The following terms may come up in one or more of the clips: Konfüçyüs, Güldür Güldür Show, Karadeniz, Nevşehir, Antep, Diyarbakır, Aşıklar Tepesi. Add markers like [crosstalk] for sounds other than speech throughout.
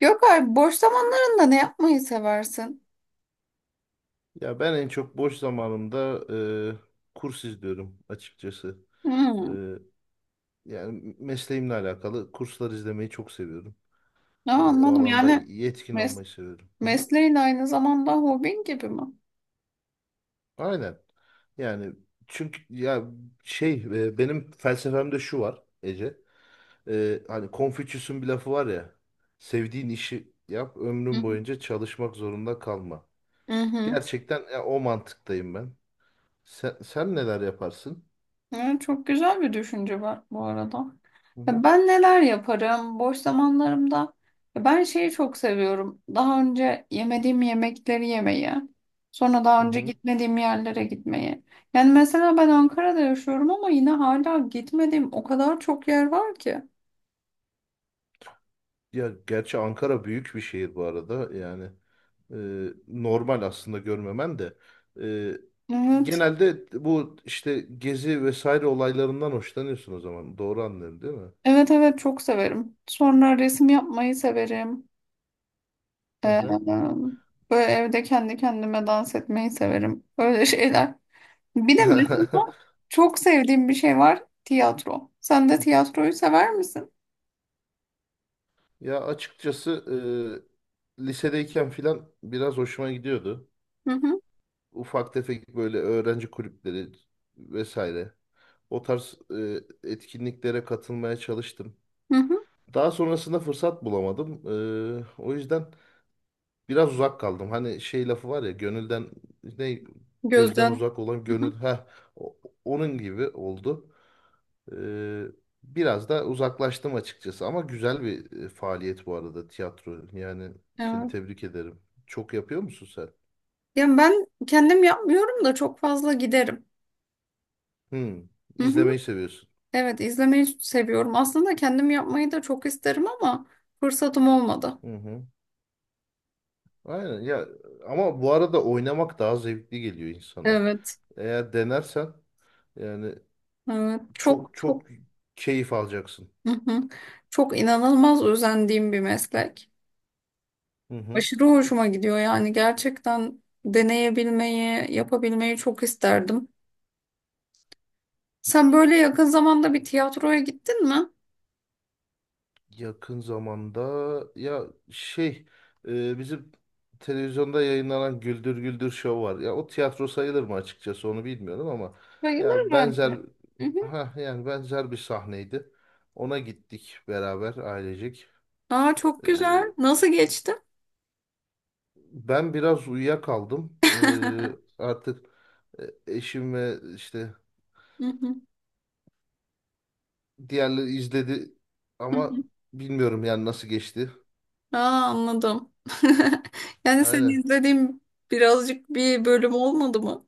Yok abi, boş zamanlarında ne yapmayı seversin? Ya ben en çok boş zamanımda kurs izliyorum açıkçası. E, Hmm. yani mesleğimle alakalı kurslar izlemeyi çok seviyorum. Ne Bu anladım alanda yani yetkin mes olmayı seviyorum. Hı hı. mesleğin aynı zamanda hobin gibi mi? Aynen. Yani çünkü ya benim felsefemde şu var Ece. Hani Konfüçyüs'ün bir lafı var ya. Sevdiğin işi yap, Hı ömrün hı. boyunca çalışmak zorunda kalma. Hı hı. Gerçekten o mantıktayım ben. Sen neler yaparsın? Evet, çok güzel bir düşünce var bu arada. Hı Ya hı. ben neler yaparım boş zamanlarımda? Ya ben şeyi çok seviyorum. Daha önce yemediğim yemekleri yemeyi. Sonra Hı daha önce hı. gitmediğim yerlere gitmeyi. Yani mesela ben Ankara'da yaşıyorum ama yine hala gitmediğim o kadar çok yer var ki. Ya gerçi Ankara büyük bir şehir bu arada. Yani normal aslında görmemen de. E, Evet. Genelde bu işte gezi vesaire olaylarından hoşlanıyorsun o zaman. Doğru anlıyorum değil mi? Evet evet, çok severim. Sonra resim yapmayı severim. Hı hı. Ee, Böyle evde kendi kendime dans etmeyi severim. Öyle [laughs] şeyler. Bir de mesela çok sevdiğim bir şey var. Tiyatro. Sen de tiyatroyu sever misin? [laughs] Ya açıkçası lisedeyken filan biraz hoşuma gidiyordu. Hı hı, Ufak tefek böyle öğrenci kulüpleri vesaire. O tarz etkinliklere katılmaya çalıştım. hı hı. Daha sonrasında fırsat bulamadım. O yüzden biraz uzak kaldım. Hani şey lafı var ya gönülden ne gözden Gözden. uzak olan Hı gönül hı. ha onun gibi oldu. Ee, Biraz da uzaklaştım açıkçası ama güzel bir faaliyet bu arada tiyatro. Yani seni Evet. tebrik ederim. Çok yapıyor musun sen? Ya ben kendim yapmıyorum da çok fazla giderim. Hmm, Hı hı. izlemeyi seviyorsun. Evet, izlemeyi seviyorum. Aslında kendim yapmayı da çok isterim ama fırsatım olmadı. Hı hı. Aynen ya, ama bu arada oynamak daha zevkli geliyor insana. Evet. Eğer denersen yani Evet. çok Çok çok çok. keyif alacaksın. Hı hı. Çok inanılmaz özendiğim bir meslek. Hı hı. Aşırı hoşuma gidiyor yani, gerçekten deneyebilmeyi, yapabilmeyi çok isterdim. Sen böyle yakın zamanda bir tiyatroya gittin mi? Yakın zamanda ya bizim televizyonda yayınlanan Güldür Güldür Show var. Ya o tiyatro sayılır mı açıkçası onu bilmiyorum ama Bayılır ya bence. benzer, Hı hı. ha yani benzer bir sahneydi. Ona gittik beraber ailecek. Aa, çok E, güzel. Nasıl geçti? Ben biraz uyuyakaldım. Artık e, eşim ve işte Hı hı. diğerleri izledi Hı hı. ama bilmiyorum yani nasıl geçti. Aa, anladım. [laughs] Yani seni Aynen. izlediğim birazcık bir bölüm olmadı mı?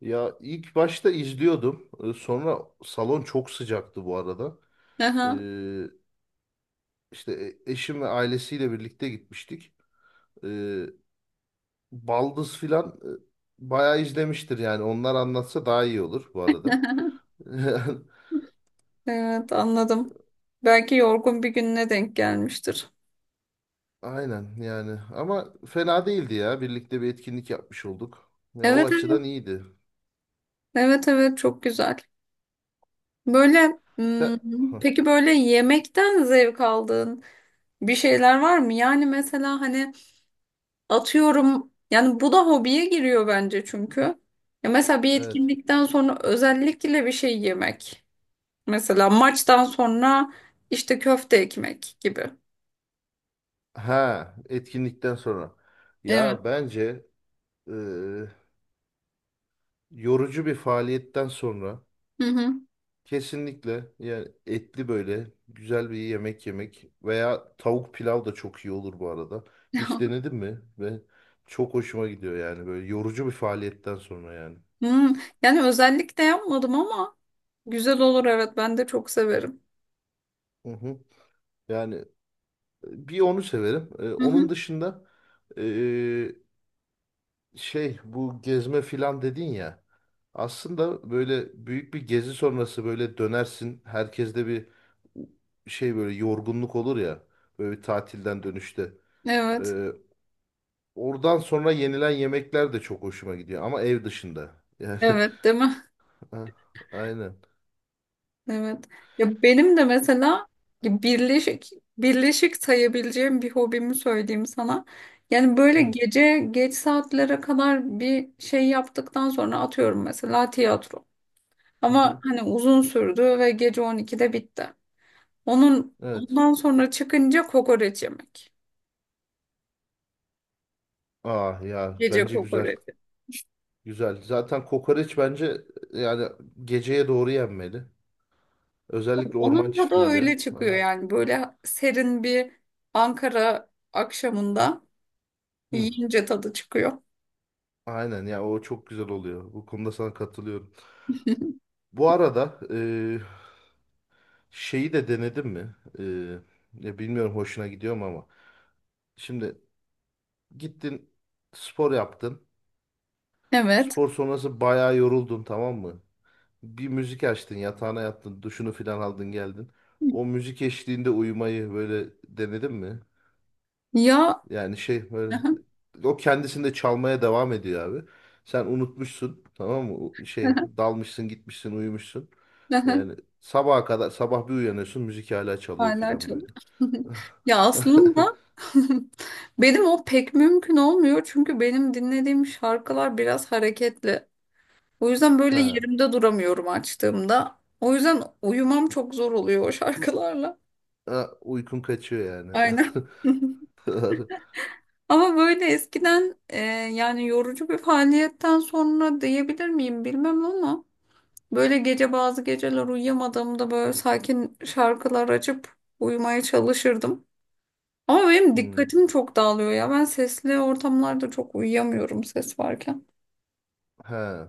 Ya ilk başta izliyordum. Sonra salon çok sıcaktı bu arada. Aha, Ee, işte e- eşim ve ailesiyle birlikte gitmiştik. Ee, Baldız filan bayağı izlemiştir yani. Onlar anlatsa daha iyi olur bu arada. [laughs] evet, anladım. Belki yorgun bir gününe denk gelmiştir. Aynen yani. Ama fena değildi ya. Birlikte bir etkinlik yapmış olduk. Ya o Evet açıdan evet. iyiydi. Evet evet, çok güzel. Böyle Sen... hmm, Hah, peki böyle yemekten zevk aldığın bir şeyler var mı? Yani mesela hani atıyorum yani, bu da hobiye giriyor bence çünkü. Ya mesela bir evet. etkinlikten sonra özellikle bir şey yemek. Mesela maçtan sonra işte köfte ekmek gibi. Ha, etkinlikten sonra. Evet. Ya bence e, yorucu bir faaliyetten sonra Hı hı. kesinlikle yani etli böyle güzel bir yemek yemek veya tavuk pilav da çok iyi olur bu arada. Hiç [laughs] denedin mi? Ve çok hoşuma gidiyor yani böyle yorucu bir faaliyetten sonra yani. Hmm. Yani özellikle yapmadım ama güzel olur, evet, ben de çok severim. Hı hı. Yani bir onu severim. Hı Onun hı. dışında ee, şey bu gezme filan dedin ya. Aslında böyle büyük bir gezi sonrası böyle dönersin. Herkeste bir şey böyle yorgunluk olur ya. Böyle bir tatilden dönüşte. Evet. Ee, Oradan sonra yenilen yemekler de çok hoşuma gidiyor ama ev dışında. Yani Evet, değil mi? [laughs] a- aynen. Evet. Ya benim de mesela birleşik birleşik sayabileceğim bir hobimi söyleyeyim sana. Yani böyle Hı, gece geç saatlere kadar bir şey yaptıktan sonra atıyorum mesela tiyatro. hı, Ama hı. hani uzun sürdü ve gece 12'de bitti. Onun Evet. ondan sonra çıkınca kokoreç yemek. Ah ya Gece bence güzel. kokoreç. Güzel. Zaten kokoreç bence, yani geceye doğru yenmeli. Özellikle orman Onun tadı çiftliğinde. öyle Ha. çıkıyor yani, böyle serin bir Ankara akşamında Hı. yiyince tadı çıkıyor. Aynen ya, o çok güzel oluyor. Bu konuda sana katılıyorum. Bu arada şeyi de denedin mi? Ya bilmiyorum hoşuna gidiyor mu ama. Şimdi gittin, spor yaptın. Evet. Spor sonrası bayağı yoruldun, tamam mı? Bir müzik açtın, yatağına yattın, duşunu filan aldın geldin. O müzik eşliğinde uyumayı böyle denedin mi? Ya Yani şey böyle [laughs] o kendisinde çalmaya devam ediyor abi. Sen unutmuşsun, tamam mı? O şey [laughs] dalmışsın gitmişsin uyumuşsun. Yani sabaha kadar, sabah bir uyanıyorsun müzik hala çalıyor hala filan böyle. çalıyor. [laughs] Ya aslında [laughs] [laughs] benim o pek mümkün olmuyor çünkü benim dinlediğim şarkılar biraz hareketli. O yüzden böyle Ha. yerimde duramıyorum açtığımda. O yüzden uyumam çok zor oluyor o şarkılarla. Ha, uykun kaçıyor yani. [laughs] Aynen. [laughs] Doğru. Ama böyle eskiden yani yorucu bir faaliyetten sonra diyebilir miyim bilmem ama böyle gece, bazı geceler uyuyamadığımda böyle sakin şarkılar açıp uyumaya çalışırdım. Ama benim Hmm. dikkatim çok dağılıyor ya. Ben sesli ortamlarda çok uyuyamıyorum, ses varken. Ha.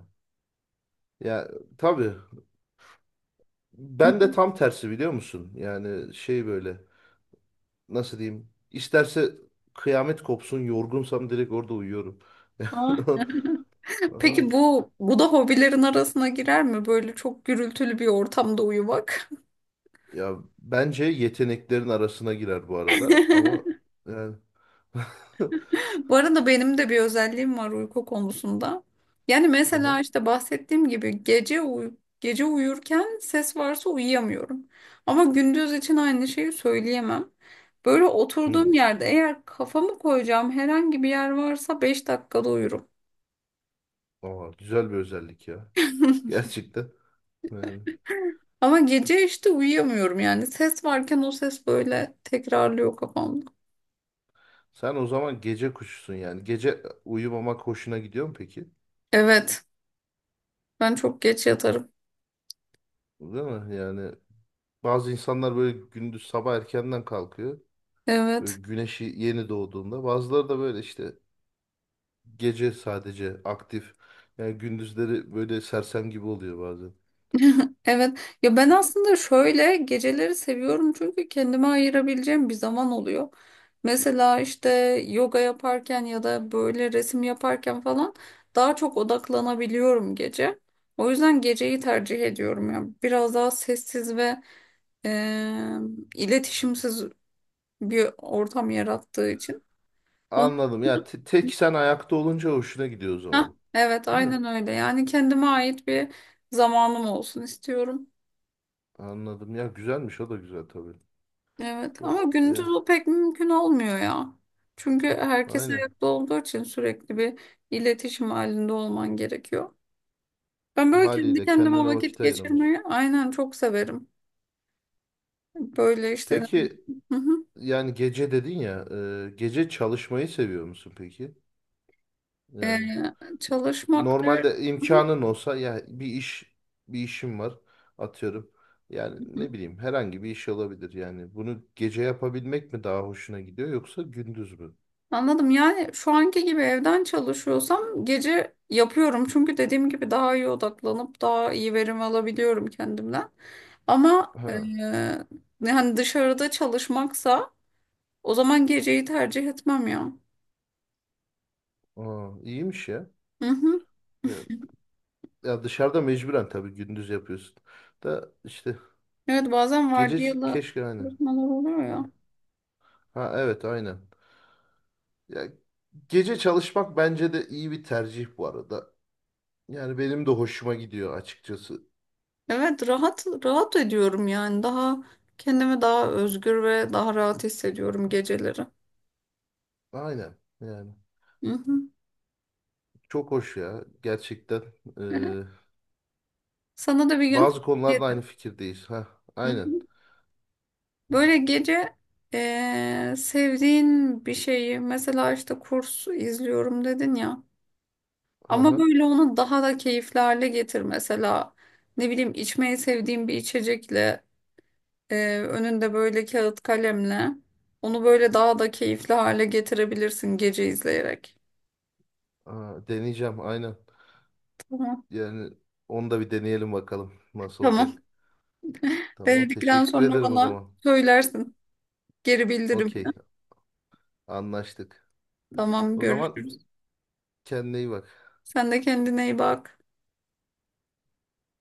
Ya tabii, Hı. ben de tam tersi biliyor musun? Yani şey böyle nasıl diyeyim? İsterse kıyamet kopsun yorgunsam direkt orada uyuyorum. Aa. [laughs] Ay, Peki bu da hobilerin arasına girer mi? Böyle çok gürültülü bir ortamda uyumak. ya bence yeteneklerin arasına girer bu arada ama yani [laughs] [laughs] Bu arada benim de bir özelliğim var uyku konusunda. Yani Aha. mesela işte bahsettiğim gibi gece uyurken ses varsa uyuyamıyorum. Ama gündüz için aynı şeyi söyleyemem. Böyle oturduğum Hmm. yerde eğer kafamı koyacağım herhangi bir yer varsa 5 dakikada uyurum. Aa, güzel bir özellik ya. [laughs] Gerçekten. Yani. Ama gece işte uyuyamıyorum yani. Ses varken o ses böyle tekrarlıyor kafamda. Sen o zaman gece kuşusun yani. Gece uyumamak hoşuna gidiyor mu peki? Evet. Ben çok geç yatarım. Değil mi? Yani bazı insanlar böyle gündüz sabah erkenden kalkıyor. Böyle Evet. güneşi yeni doğduğunda. Bazıları da böyle işte gece sadece aktif. Yani gündüzleri böyle sersem gibi oluyor bazen. [laughs] Evet. Ya ben aslında şöyle, geceleri seviyorum çünkü kendime ayırabileceğim bir zaman oluyor. Mesela işte yoga yaparken ya da böyle resim yaparken falan daha çok odaklanabiliyorum gece. O yüzden geceyi tercih ediyorum ya. Biraz daha sessiz ve eee, iletişimsiz bir ortam yarattığı için. Onu Anladım. Ya tek sen ayakta olunca hoşuna gidiyor o heh, zaman. evet, Değil mi? aynen öyle. Yani kendime ait bir zamanım olsun istiyorum. Anladım. Ya güzelmiş, o da güzel tabii. Evet ama gündüz Ya, o pek mümkün olmuyor ya. Çünkü herkes aynen. ayakta olduğu için sürekli bir iletişim halinde olman gerekiyor. Ben böyle kendi Haliyle kendime kendine vakit vakit ayıramıyorsun. geçirmeyi aynen çok severim. Böyle işte ne bileyim, Peki hı hı. yani gece dedin ya, gece çalışmayı seviyor musun peki? Yani Çalışmak der. normalde Hı imkanın olsa ya bir işim var atıyorum. Yani hı. ne bileyim herhangi bir iş olabilir yani. Bunu gece yapabilmek mi daha hoşuna gidiyor yoksa gündüz mü? Anladım. Yani şu anki gibi evden çalışıyorsam gece yapıyorum. Çünkü dediğim gibi daha iyi odaklanıp daha iyi verim alabiliyorum kendimden. Ama Ha, yani dışarıda çalışmaksa o zaman geceyi tercih etmem ya. aa, iyiymiş ya. Hı hı. Ya, ya dışarıda mecburen tabii gündüz yapıyorsun. Da işte Evet, bazen gece vardiyalı keşke aynen. çalışmalar oluyor ya. Ha, ha, evet aynen. Ya gece çalışmak bence de iyi bir tercih bu arada. Yani benim de hoşuma gidiyor açıkçası. Evet, rahat rahat ediyorum yani, daha kendimi daha özgür ve daha rahat hissediyorum geceleri. Aynen yani. Hı hı. Çok hoş ya. Gerçekten. Ee, [laughs] Sana da bir gün Bazı tavsiye konularda aynı fikirdeyiz. Ha, aynen. ederim. Böyle gece sevdiğin bir şeyi, mesela işte kurs izliyorum dedin ya, Hı ama hı. böyle onu daha da keyifli hale getir, mesela ne bileyim içmeyi sevdiğin bir içecekle, önünde böyle kağıt kalemle, onu böyle daha da keyifli hale getirebilirsin gece izleyerek. Aa, deneyeceğim aynen. Tamam. Yani onu da bir deneyelim bakalım nasıl Tamam. olacak. Tamam, Denedikten teşekkür sonra ederim o bana zaman. söylersin, geri bildirimle. Okey, anlaştık. Tamam, O zaman görüşürüz. kendine iyi bak. Sen de kendine iyi bak.